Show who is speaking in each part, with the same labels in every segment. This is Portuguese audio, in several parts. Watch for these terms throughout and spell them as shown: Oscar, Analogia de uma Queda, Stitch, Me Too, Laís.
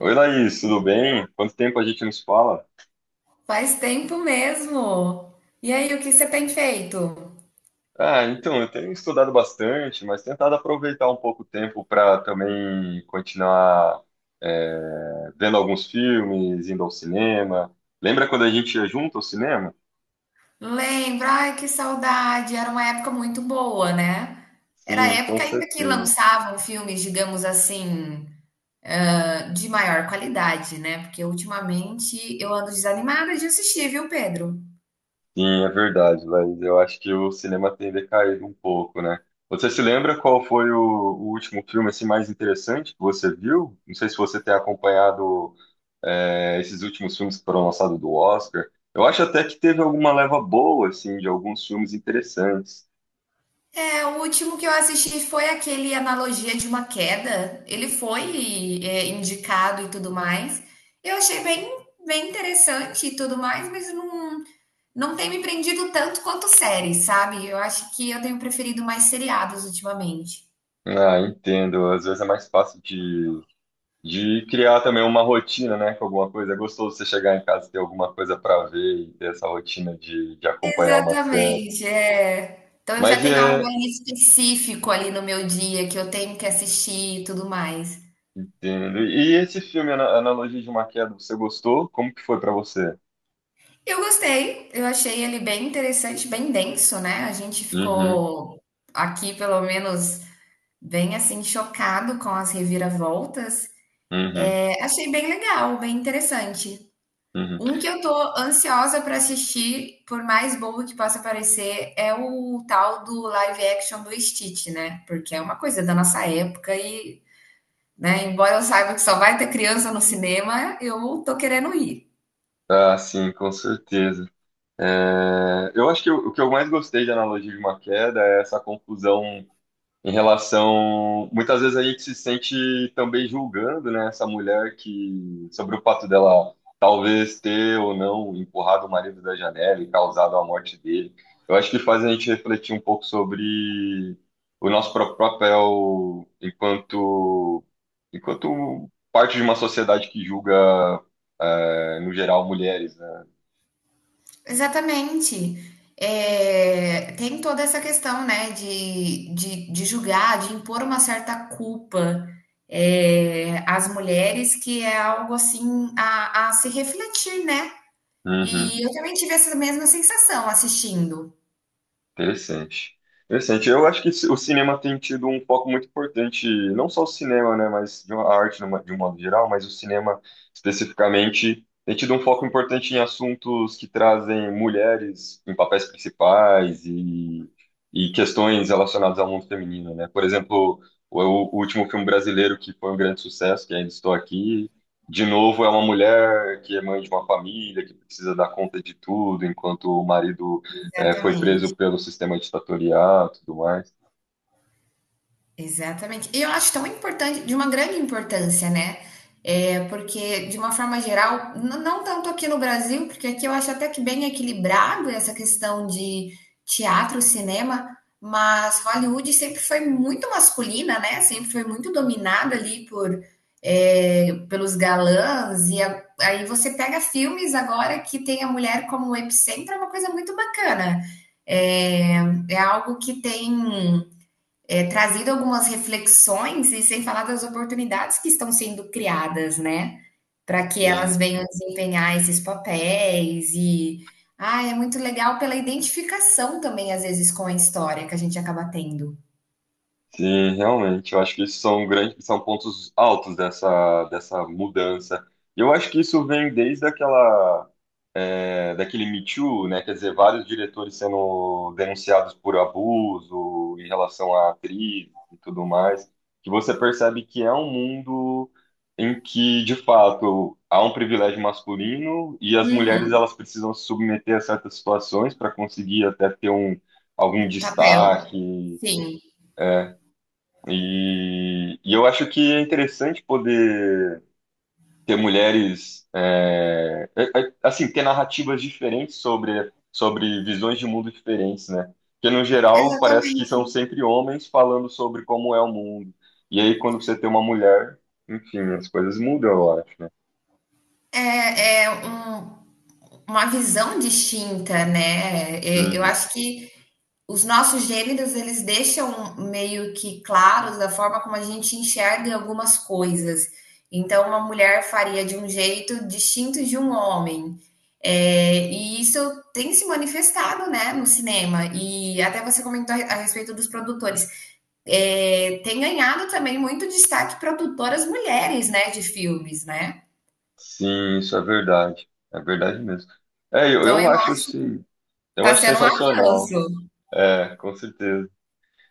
Speaker 1: Oi, Laís, tudo bem? Quanto tempo a gente não se fala?
Speaker 2: Faz tempo mesmo. E aí, o que você tem feito?
Speaker 1: Eu tenho estudado bastante, mas tentado aproveitar um pouco o tempo para também continuar vendo alguns filmes, indo ao cinema. Lembra quando a gente ia junto ao cinema?
Speaker 2: Lembra? Ai, que saudade. Era uma época muito boa, né? Era a
Speaker 1: Sim, com
Speaker 2: época ainda que
Speaker 1: certeza.
Speaker 2: lançavam filmes, digamos assim, de maior qualidade, né? Porque ultimamente eu ando desanimada de assistir, viu, Pedro?
Speaker 1: Sim, é verdade, Laís. Eu acho que o cinema tem decaído um pouco, né? Você se lembra qual foi o último filme assim, mais interessante que você viu? Não sei se você tem acompanhado esses últimos filmes que foram lançados do Oscar. Eu acho até que teve alguma leva boa, assim, de alguns filmes interessantes.
Speaker 2: É, o último que eu assisti foi aquele Analogia de uma Queda. Ele foi, indicado e tudo mais. Eu achei bem, bem interessante e tudo mais, mas não. Não tem me prendido tanto quanto séries, sabe. Eu acho que eu tenho preferido mais seriados ultimamente.
Speaker 1: Ah, entendo. Às vezes é mais fácil de criar também uma rotina, né, com alguma coisa. É gostoso você chegar em casa e ter alguma coisa para ver e ter essa rotina de acompanhar uma série.
Speaker 2: Exatamente, é. Então eu já
Speaker 1: Mas
Speaker 2: tenho algo
Speaker 1: é.
Speaker 2: ali específico ali no meu dia que eu tenho que assistir e tudo mais.
Speaker 1: Entendo. E esse filme, Analogia de uma Queda, você gostou? Como que foi para você?
Speaker 2: Eu gostei, eu achei ele bem interessante, bem denso, né. A gente
Speaker 1: Uhum,
Speaker 2: ficou aqui, pelo menos, bem assim chocado com as reviravoltas.
Speaker 1: uhum,
Speaker 2: É, achei bem legal, bem interessante.
Speaker 1: uhum.
Speaker 2: Um que eu tô ansiosa pra assistir, por mais bobo que possa parecer, é o tal do live action do Stitch, né? Porque é uma coisa da nossa época e, né, embora eu saiba que só vai ter criança no cinema, eu tô querendo ir.
Speaker 1: Ah, sim, com certeza. É, eu acho que o que eu mais gostei de analogia de uma queda é essa confusão em relação. Muitas vezes a gente se sente também julgando, né, essa mulher que, sobre o fato dela talvez ter ou não empurrado o marido da janela e causado a morte dele. Eu acho que faz a gente refletir um pouco sobre o nosso próprio papel enquanto parte de uma sociedade que julga, no geral, mulheres, né?
Speaker 2: Exatamente. É, tem toda essa questão, né, de julgar, de impor uma certa culpa, às mulheres, que é algo assim a se refletir, né?
Speaker 1: Uhum.
Speaker 2: E eu também tive essa mesma sensação assistindo.
Speaker 1: Interessante. Interessante. Eu acho que o cinema tem tido um foco muito importante, não só o cinema, né, mas a arte de um modo geral, mas o cinema especificamente tem tido um foco importante em assuntos que trazem mulheres em papéis principais e questões relacionadas ao mundo feminino, né? Por exemplo, o último filme brasileiro que foi um grande sucesso, que é ainda estou aqui, de novo é uma mulher que é mãe de uma família, que precisa dar conta de tudo, enquanto o marido foi
Speaker 2: Exatamente.
Speaker 1: preso pelo sistema ditatorial, e tudo mais.
Speaker 2: Exatamente. E eu acho tão importante, de uma grande importância, né? É, porque, de uma forma geral, não tanto aqui no Brasil, porque aqui eu acho até que bem equilibrado essa questão de teatro, cinema, mas Hollywood sempre foi muito masculina, né? Sempre foi muito dominada ali por, pelos galãs, e aí você pega filmes agora que tem a mulher como epicentro, é uma coisa muito bacana. É, é algo que tem trazido algumas reflexões e sem falar das oportunidades que estão sendo criadas, né? Para que elas
Speaker 1: Sim,
Speaker 2: venham desempenhar esses papéis e é muito legal pela identificação também, às vezes, com a história que a gente acaba tendo.
Speaker 1: sim, realmente. Eu acho que isso são grandes, são pontos altos dessa mudança. E eu acho que isso vem desde aquela daquele Me Too, né? Quer dizer, vários diretores sendo denunciados por abuso em relação à atriz e tudo mais, que você percebe que é um mundo em que, de fato, há um privilégio masculino e as mulheres
Speaker 2: Uhum.
Speaker 1: elas precisam se submeter a certas situações para conseguir até ter um, algum
Speaker 2: Papel,
Speaker 1: destaque.
Speaker 2: sim.
Speaker 1: E eu acho que é interessante poder ter mulheres, assim, ter narrativas diferentes sobre, sobre visões de mundo diferentes, né? Porque, no geral, parece que são sempre homens falando sobre como é o mundo. E aí, quando você tem uma mulher, enfim, as coisas mudam, eu acho, né?
Speaker 2: É, é um Uma visão distinta, né. Eu
Speaker 1: Uhum.
Speaker 2: acho que os nossos gêneros, eles deixam meio que claros da forma como a gente enxerga algumas coisas. Então, uma mulher faria de um jeito distinto de um homem. E isso tem se manifestado, né, no cinema. E até você comentou a respeito dos produtores. Tem ganhado também muito destaque produtoras mulheres, né, de filmes, né.
Speaker 1: Sim, isso é verdade. É verdade mesmo. É,
Speaker 2: Então
Speaker 1: eu
Speaker 2: eu
Speaker 1: acho,
Speaker 2: acho que
Speaker 1: sim, eu
Speaker 2: está
Speaker 1: acho
Speaker 2: sendo um
Speaker 1: sensacional.
Speaker 2: avanço.
Speaker 1: É, com certeza.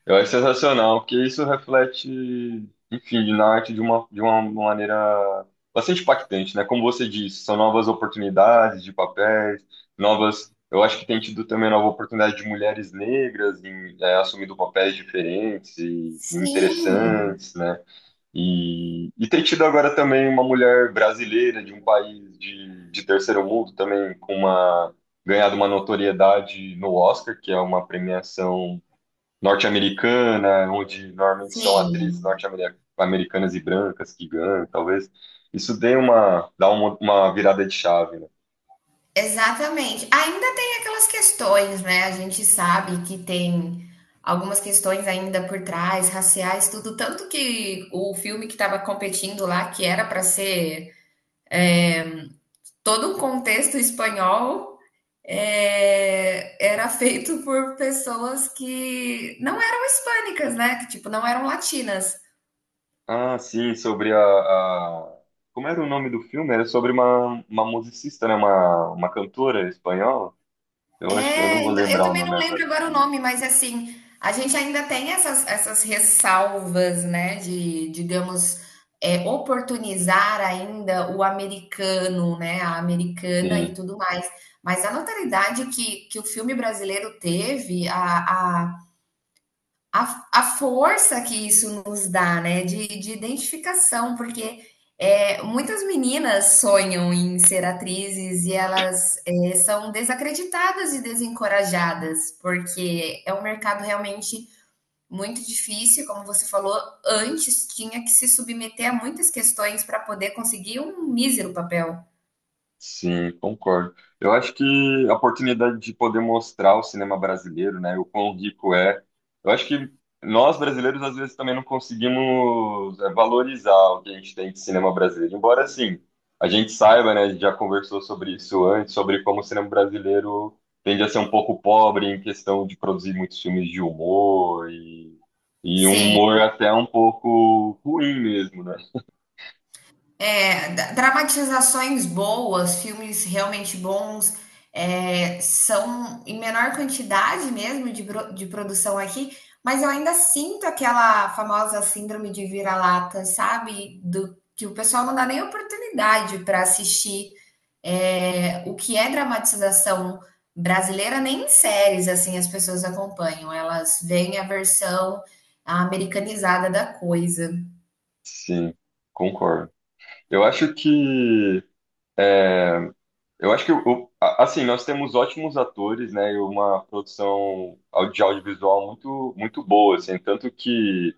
Speaker 1: Eu acho sensacional, porque isso reflete, enfim, na arte de de uma maneira bastante impactante, né? Como você disse, são novas oportunidades de papéis, novas. Eu acho que tem tido também nova oportunidade de mulheres negras em, é, assumindo papéis diferentes e
Speaker 2: Sim,
Speaker 1: interessantes, né? E tem tido agora também uma mulher brasileira de um país de terceiro mundo também com uma ganhado uma notoriedade no Oscar, que é uma premiação norte-americana, onde normalmente são atrizes
Speaker 2: sim,
Speaker 1: norte-americanas e brancas que ganham, talvez isso dê uma, dá uma virada de chave, né?
Speaker 2: exatamente. Ainda tem aquelas questões, né, a gente sabe que tem algumas questões ainda por trás, raciais, tudo, tanto que o filme que estava competindo lá, que era para ser todo um contexto espanhol, era feito por pessoas que não eram hispânicas, né, que tipo, não eram latinas.
Speaker 1: Ah, sim, sobre a- Como era o nome do filme? Era sobre uma musicista, né? Uma cantora espanhola. Eu acho que eu não
Speaker 2: É,
Speaker 1: vou
Speaker 2: então, eu
Speaker 1: lembrar o
Speaker 2: também
Speaker 1: nome
Speaker 2: não lembro
Speaker 1: agora.
Speaker 2: agora o nome, mas assim, a gente ainda tem essas ressalvas, né, de, digamos, oportunizar ainda o americano, né, a americana e
Speaker 1: Sim.
Speaker 2: tudo mais. Mas a notoriedade que o filme brasileiro teve, a a força que isso nos dá, né, de identificação, porque muitas meninas sonham em ser atrizes e elas são desacreditadas e desencorajadas, porque é um mercado realmente muito difícil, como você falou, antes tinha que se submeter a muitas questões para poder conseguir um mísero papel.
Speaker 1: Sim, concordo. Eu acho que a oportunidade de poder mostrar o cinema brasileiro, né, o quão rico é. Eu acho que nós brasileiros às vezes também não conseguimos é, valorizar o que a gente tem de cinema brasileiro. Embora assim, a gente saiba, né, a gente já conversou sobre isso antes, sobre como o cinema brasileiro tende a ser um pouco pobre em questão de produzir muitos filmes de humor e um
Speaker 2: Sim,
Speaker 1: humor até um pouco ruim mesmo, né?
Speaker 2: Dramatizações boas, filmes realmente bons, são em menor quantidade mesmo de, de produção aqui, mas eu ainda sinto aquela famosa síndrome de vira-lata, sabe? Do, que o pessoal não dá nem oportunidade para assistir o que é dramatização brasileira, nem em séries assim as pessoas acompanham, elas veem a versão americanizada da coisa.
Speaker 1: Sim, concordo. Eu acho que Eu acho que, assim, nós temos ótimos atores, né, e uma produção de audiovisual muito, muito boa, assim, tanto que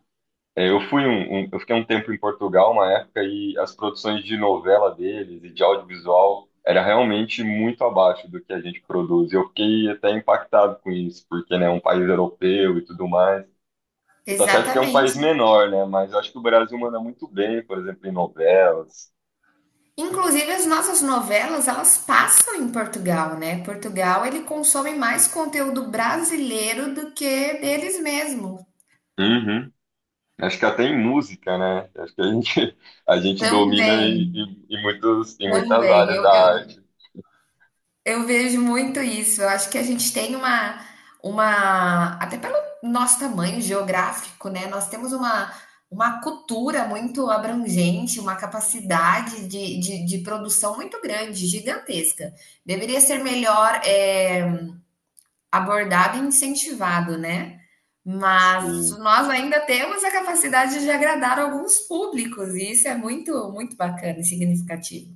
Speaker 1: é, eu fui eu fiquei um tempo em Portugal, uma época, e as produções de novela deles e de audiovisual era realmente muito abaixo do que a gente produz. Eu fiquei até impactado com isso, porque, né, é um país europeu e tudo mais. Tá certo que é um país
Speaker 2: Exatamente.
Speaker 1: menor, né, mas eu acho que o Brasil manda muito bem, por exemplo, em novelas.
Speaker 2: Inclusive, as nossas novelas, elas passam em Portugal, né? Portugal, ele consome mais conteúdo brasileiro do que deles mesmos.
Speaker 1: Uhum. Acho que até em música, né? Acho que a gente, a gente domina em,
Speaker 2: Também,
Speaker 1: em, em muitos, em muitas
Speaker 2: também.
Speaker 1: áreas
Speaker 2: Eu,
Speaker 1: da
Speaker 2: eu,
Speaker 1: arte.
Speaker 2: eu vejo muito isso. Eu acho que a gente tem uma, até pelo nosso tamanho geográfico, né? Nós temos uma cultura muito abrangente, uma capacidade de produção muito grande, gigantesca. Deveria ser melhor, abordado e incentivado, né? Mas
Speaker 1: Sim.
Speaker 2: nós ainda temos a capacidade de agradar alguns públicos, e isso é muito, muito bacana e significativo.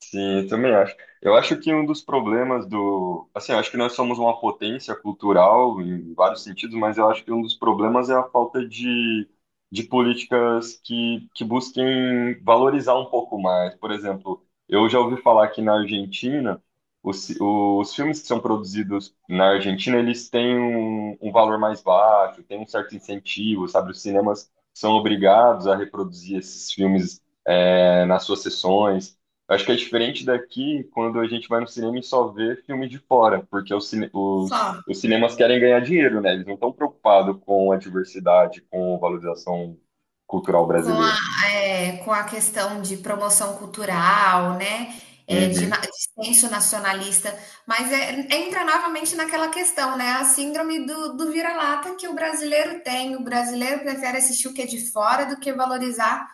Speaker 1: Sim, eu também acho. Eu acho que um dos problemas do. Assim, eu acho que nós somos uma potência cultural em vários sentidos, mas eu acho que um dos problemas é a falta de políticas que busquem valorizar um pouco mais. Por exemplo, eu já ouvi falar que na Argentina, os filmes que são produzidos na Argentina, eles têm um, um valor mais baixo, tem um certo incentivo, sabe? Os cinemas são obrigados a reproduzir esses filmes, nas suas sessões. Acho que é diferente daqui quando a gente vai no cinema e só vê filme de fora, porque
Speaker 2: Só.
Speaker 1: os cinemas querem ganhar dinheiro, né? Eles não estão preocupados com a diversidade, com a valorização cultural
Speaker 2: Com
Speaker 1: brasileira.
Speaker 2: a, com a questão de promoção cultural, né? É, de,
Speaker 1: Uhum,
Speaker 2: dissenso nacionalista, mas entra novamente naquela questão, né? A síndrome do, do vira-lata que o brasileiro tem. O brasileiro prefere assistir o que é de fora do que valorizar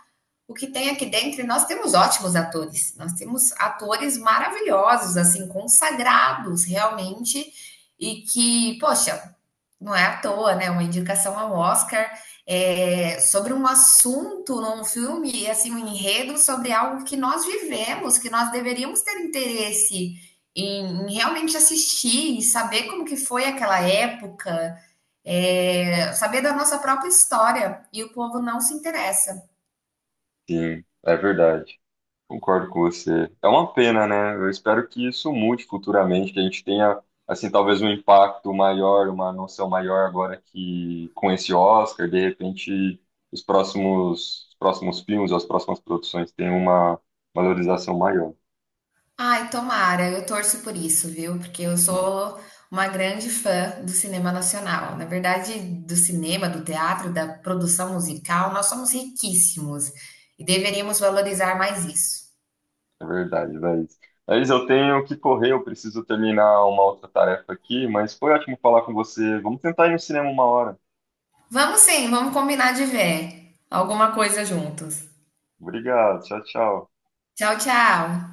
Speaker 2: o que tem aqui dentro, e nós temos ótimos atores, nós temos atores maravilhosos, assim, consagrados realmente, e que, poxa, não é à toa, né? Uma indicação ao Oscar sobre um assunto num filme, assim, um enredo sobre algo que nós vivemos, que nós deveríamos ter interesse em, em realmente assistir e saber como que foi aquela época, saber da nossa própria história, e o povo não se interessa.
Speaker 1: sim, é verdade. Concordo com você. É uma pena, né? Eu espero que isso mude futuramente, que a gente tenha, assim, talvez um impacto maior, uma noção maior agora que com esse Oscar, de repente os próximos filmes, as próximas produções tenham uma valorização maior.
Speaker 2: Ai, tomara, eu torço por isso, viu? Porque eu
Speaker 1: Uhum.
Speaker 2: sou uma grande fã do cinema nacional. Na verdade, do cinema, do teatro, da produção musical, nós somos riquíssimos e deveríamos valorizar mais isso.
Speaker 1: É verdade, Laís. Laís, eu tenho que correr, eu preciso terminar uma outra tarefa aqui, mas foi ótimo falar com você. Vamos tentar ir no cinema uma hora.
Speaker 2: Vamos sim, vamos combinar de ver alguma coisa juntos.
Speaker 1: Obrigado, tchau, tchau.
Speaker 2: Tchau, tchau.